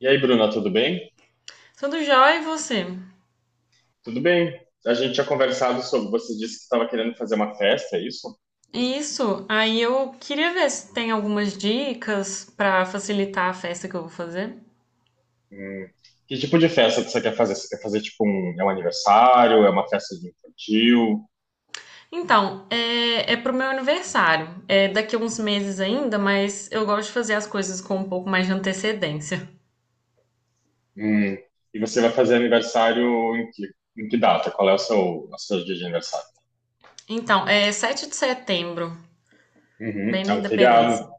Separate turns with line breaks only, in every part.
E aí, Bruna, tudo bem?
Tudo jóia e você?
Tudo bem. A gente tinha conversado sobre. Você disse que estava querendo fazer uma festa, é isso?
Isso, aí eu queria ver se tem algumas dicas para facilitar a festa que eu vou fazer.
Hum. Que tipo de festa que você quer fazer? Você quer fazer tipo um. É um aniversário? É uma festa de infantil?
Então, é pro meu aniversário. É daqui a uns meses ainda, mas eu gosto de fazer as coisas com um pouco mais de antecedência.
Hum. E você vai fazer aniversário em que data? Qual é o seu dia de aniversário?
Então, é 7 de setembro,
Uhum.
bem na
É um
Independência.
feriado.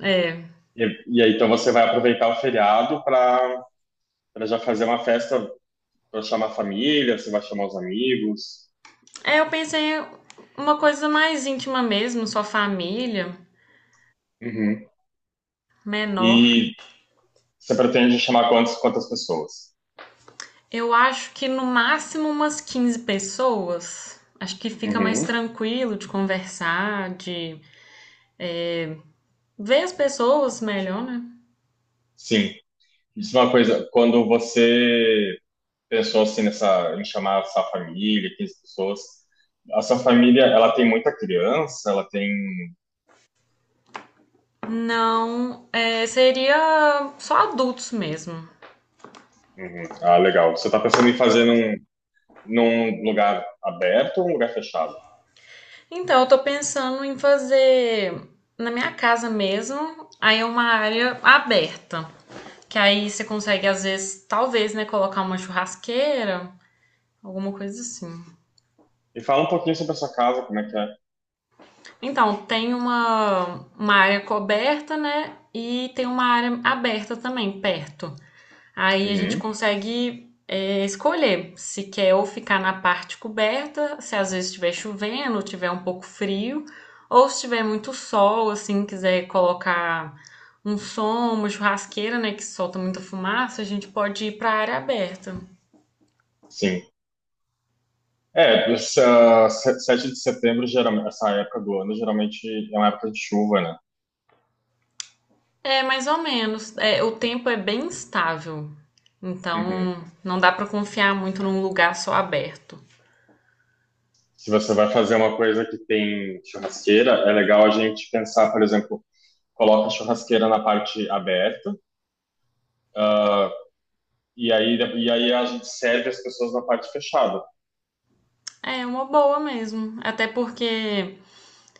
É,
E, e aí, então você vai aproveitar o feriado para já fazer uma festa para chamar a família, você vai chamar os amigos.
é, eu pensei uma coisa mais íntima mesmo, só família,
Uhum.
menor.
E você pretende chamar quantas pessoas?
Eu acho que no máximo umas 15 pessoas. Acho que fica mais
Uhum.
tranquilo de conversar, de ver as pessoas melhor, né?
Sim. Me diz uma coisa, quando você pensou assim em chamar a sua família, 15 pessoas, a sua família, ela tem muita criança, ela tem...
Não, é, seria só adultos mesmo.
Uhum. Ah, legal. Você está pensando em fazer num lugar aberto ou um lugar fechado?
Então, eu tô pensando em fazer na minha casa mesmo, aí é uma área aberta. Que aí você consegue, às vezes, talvez, né, colocar uma churrasqueira, alguma coisa assim.
E fala um pouquinho sobre a sua casa, como é que é.
Então, tem uma área coberta, né? E tem uma área aberta também, perto. Aí a gente
Uhum.
consegue escolher se quer ou ficar na parte coberta, se às vezes estiver chovendo, tiver um pouco frio, ou se tiver muito sol, assim, quiser colocar um som, uma churrasqueira, né, que solta muita fumaça, a gente pode ir para a área aberta.
Sim. É, essa, se- 7 de setembro, geralmente, essa época do ano, geralmente é uma época de chuva, né?
É, mais ou menos. É, o tempo é bem instável, então não dá pra confiar muito num lugar só aberto.
Se você vai fazer uma coisa que tem churrasqueira, é legal a gente pensar, por exemplo, coloca a churrasqueira na parte aberta, ah, e aí, e aí a gente serve as pessoas na parte fechada.
É uma boa mesmo, até porque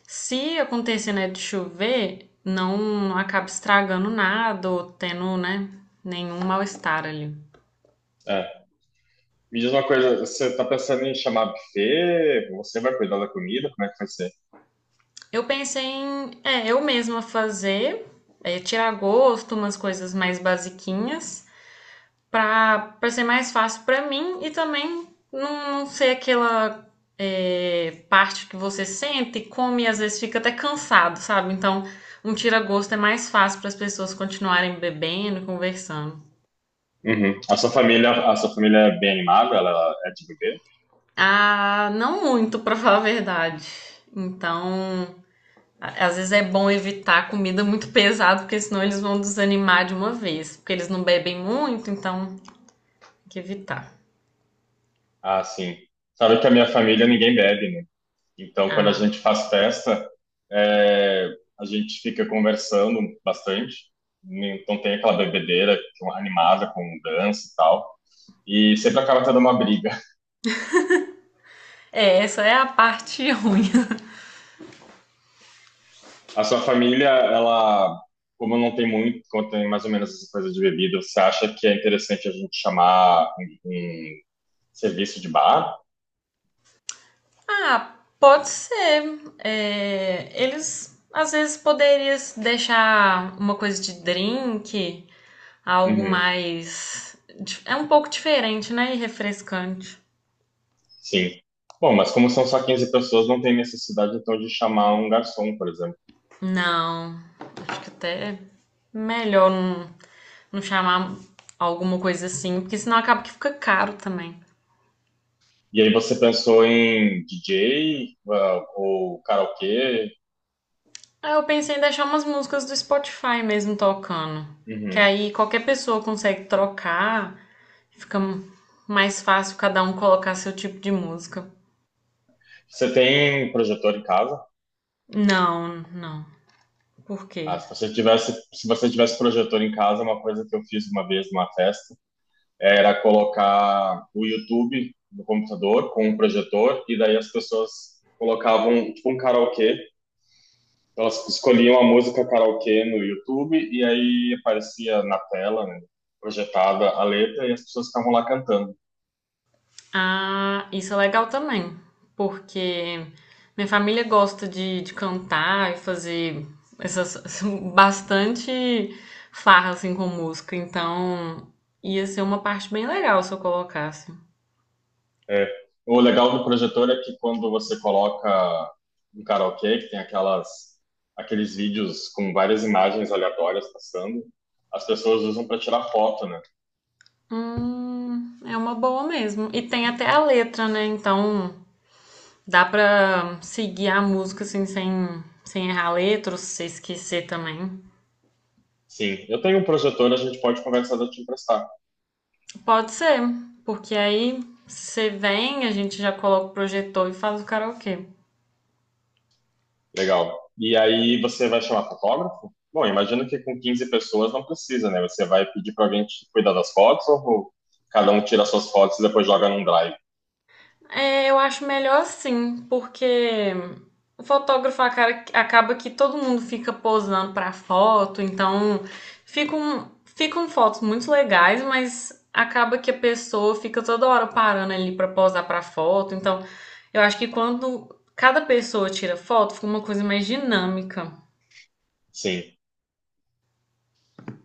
se acontecer, né, de chover, não acaba estragando nada ou tendo, né, nenhum mal-estar ali.
É. Me diz uma coisa, você tá pensando em chamar buffet? Você vai cuidar da comida? Como é que vai ser?
Eu pensei em, eu mesma fazer, tirar gosto, umas coisas mais basiquinhas. Para ser mais fácil para mim e também não ser aquela parte que você sente, e come e às vezes fica até cansado, sabe? Então, um tira-gosto é mais fácil para as pessoas continuarem bebendo, conversando.
Uhum. A sua família é bem animada? Ela é de beber?
Ah, não muito, para falar a verdade. Então, às vezes é bom evitar comida muito pesada, porque senão eles vão desanimar de uma vez. Porque eles não bebem muito, então tem que evitar.
Ah, sim. Sabe que a minha família ninguém bebe, né? Então, quando a
Ah,
gente faz festa, é, a gente fica conversando bastante. Então, tem aquela bebedeira que é uma animada com dança e tal. E sempre acaba tendo uma briga.
é, essa é a parte ruim.
A sua família, ela, como não tem muito, como tem mais ou menos essa coisa de bebida, você acha que é interessante a gente chamar um serviço de bar?
Ah, pode ser. É, eles às vezes poderiam deixar uma coisa de drink, algo
Uhum,
mais. É um pouco diferente, né? E refrescante.
sim. Bom, mas como são só 15 pessoas, não tem necessidade, então, de chamar um garçom, por exemplo.
Não, acho que até melhor não chamar alguma coisa assim, porque senão acaba que fica caro também.
E aí você pensou em DJ, ah, ou karaokê?
Ah, eu pensei em deixar umas músicas do Spotify mesmo tocando, que
Uhum.
aí qualquer pessoa consegue trocar, fica mais fácil cada um colocar seu tipo de música.
Você tem projetor em casa?
Não, não. Por
Ah,
quê?
se você tivesse projetor em casa, uma coisa que eu fiz uma vez numa festa era colocar o YouTube no computador com um projetor e daí as pessoas colocavam tipo um karaokê. Elas escolhiam a música karaokê no YouTube e aí aparecia na tela, né, projetada a letra e as pessoas ficavam lá cantando.
Ah, isso é legal também, porque minha família gosta de cantar e fazer essas bastante farra assim com música, então ia ser uma parte bem legal se eu colocasse.
É, o legal do projetor é que quando você coloca um karaokê, que tem aqueles vídeos com várias imagens aleatórias passando, as pessoas usam para tirar foto, né?
É uma boa mesmo. E tem até a letra, né? Então dá pra seguir a música assim sem errar a letra, ou se você esquecer também.
Sim, eu tenho um projetor, a gente pode conversar de eu te emprestar.
Pode ser, porque aí você vem, a gente já coloca o projetor e faz o karaokê.
Legal. E aí você vai chamar fotógrafo? Bom, imagino que com 15 pessoas não precisa, né? Você vai pedir para alguém te cuidar das fotos ou cada um tira suas fotos e depois joga num drive?
É, eu acho melhor assim, porque o fotógrafo acaba que todo mundo fica posando pra foto, então ficam fotos muito legais, mas acaba que a pessoa fica toda hora parando ali pra posar pra foto. Então, eu acho que quando cada pessoa tira foto, fica uma coisa mais dinâmica.
Sim.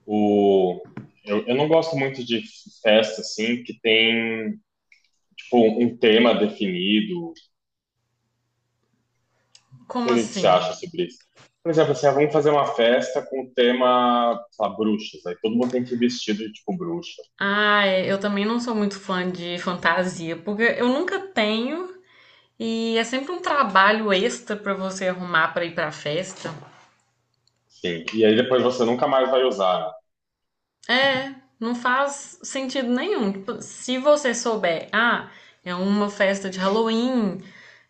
O... Eu não gosto muito de festa, assim, que tem tipo, um tema definido? Não
Como
sei o que que você
assim?
acha sobre isso. Por exemplo, assim, ah, vamos fazer uma festa com o tema, sei lá, bruxas. Aí todo mundo tem que ir vestido de, tipo, bruxa.
Ah, é, eu também não sou muito fã de fantasia, porque eu nunca tenho. E é sempre um trabalho extra pra você arrumar pra ir pra festa.
Sim. E aí depois você nunca mais vai usar, né?
É, não faz sentido nenhum. Tipo, se você souber, ah, é uma festa de Halloween,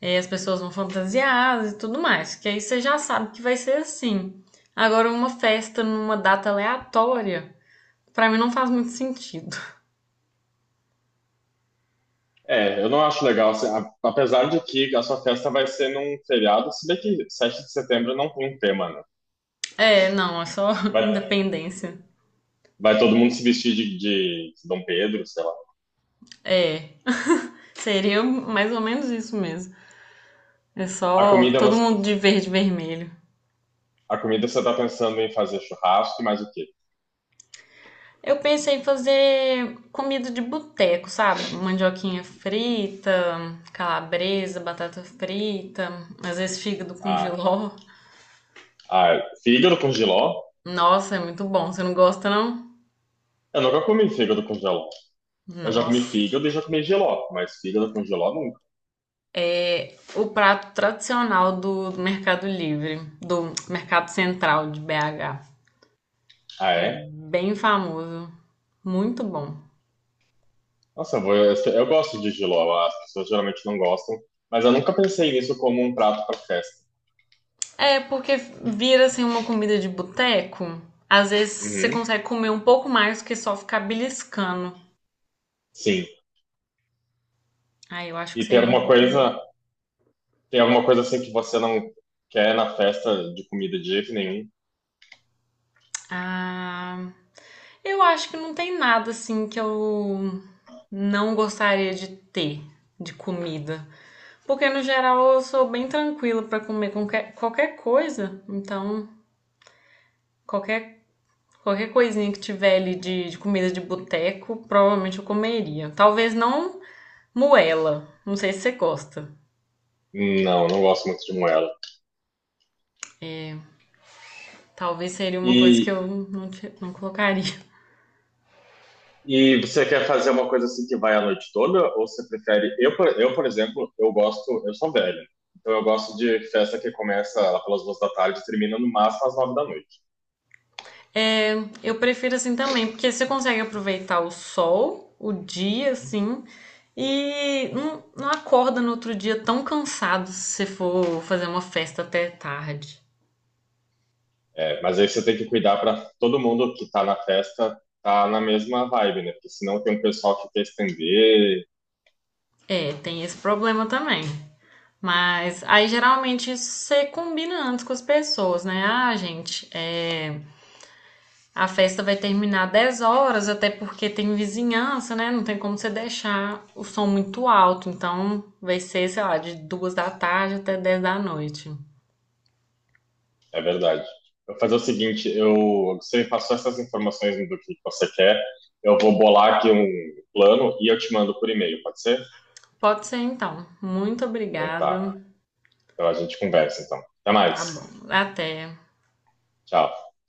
é, as pessoas vão fantasiadas e tudo mais, que aí você já sabe que vai ser assim. Agora, uma festa numa data aleatória, pra mim não faz muito sentido.
É, eu não acho legal, assim, apesar de que a sua festa vai ser num feriado, se bem que 7 de setembro não tem um tema, né?
É, não, é só
Vai,
independência.
vai todo mundo se vestir de Dom Pedro, sei lá.
É, seria mais ou menos isso mesmo. É
A
só
comida,
todo
você,
mundo de verde e vermelho.
a comida você tá pensando em fazer churrasco e mais o quê?
Eu pensei em fazer comida de boteco, sabe? Mandioquinha frita, calabresa, batata frita, às vezes fígado com
Ah,
jiló.
ah, fígado com giló?
Nossa, é muito bom. Você não gosta, não?
Eu nunca comi fígado com giló. Eu já comi
Nossa.
fígado e já comi jiló, mas fígado com jiló nunca.
O prato tradicional do Mercado Livre, do Mercado Central de BH.
Ah,
É
é?
bem famoso. Muito bom.
Nossa, eu gosto de jiló, as pessoas geralmente não gostam, mas eu nunca pensei nisso como um prato para festa.
É, porque vira assim uma comida de boteco. Às vezes você
Uhum,
consegue comer um pouco mais do que só ficar beliscando.
sim.
Ah, eu acho que
E
seria um pouco melhor.
tem alguma coisa assim que você não quer na festa de comida de jeito nenhum?
Ah, eu acho que não tem nada assim que eu não gostaria de ter de comida. Porque no geral eu sou bem tranquila pra comer qualquer coisa. Então, qualquer, qualquer coisinha que tiver ali de comida de boteco, provavelmente eu comeria. Talvez não moela. Não sei se você gosta.
Não, não gosto muito de moela.
Talvez seria uma coisa que
E
eu não colocaria.
E você quer fazer uma coisa assim que vai a noite toda? Ou você prefere. Por exemplo, eu gosto. Eu sou velho. Então eu gosto de festa que começa lá pelas 2 da tarde e termina no máximo às 9 da noite.
É, eu prefiro assim também, porque você consegue aproveitar o sol, o dia, assim, e não acorda no outro dia tão cansado se você for fazer uma festa até tarde.
É, mas aí você tem que cuidar para todo mundo que tá na festa tá na mesma vibe, né? Porque senão tem um pessoal que quer estender.
É, tem esse problema também. Mas aí geralmente você combina antes com as pessoas, né? Ah, gente, é, a festa vai terminar 10 horas, até porque tem vizinhança, né? Não tem como você deixar o som muito alto. Então, vai ser, sei lá, de 2 da tarde até 10 da noite.
É verdade. Eu vou fazer o seguinte: você me passou essas informações do que você quer. Eu vou bolar aqui um plano e eu te mando por e-mail, pode ser?
Pode ser então. Muito
Então tá.
obrigada.
Então a gente conversa, então. Até
Tá bom.
mais.
Até.
Tchau.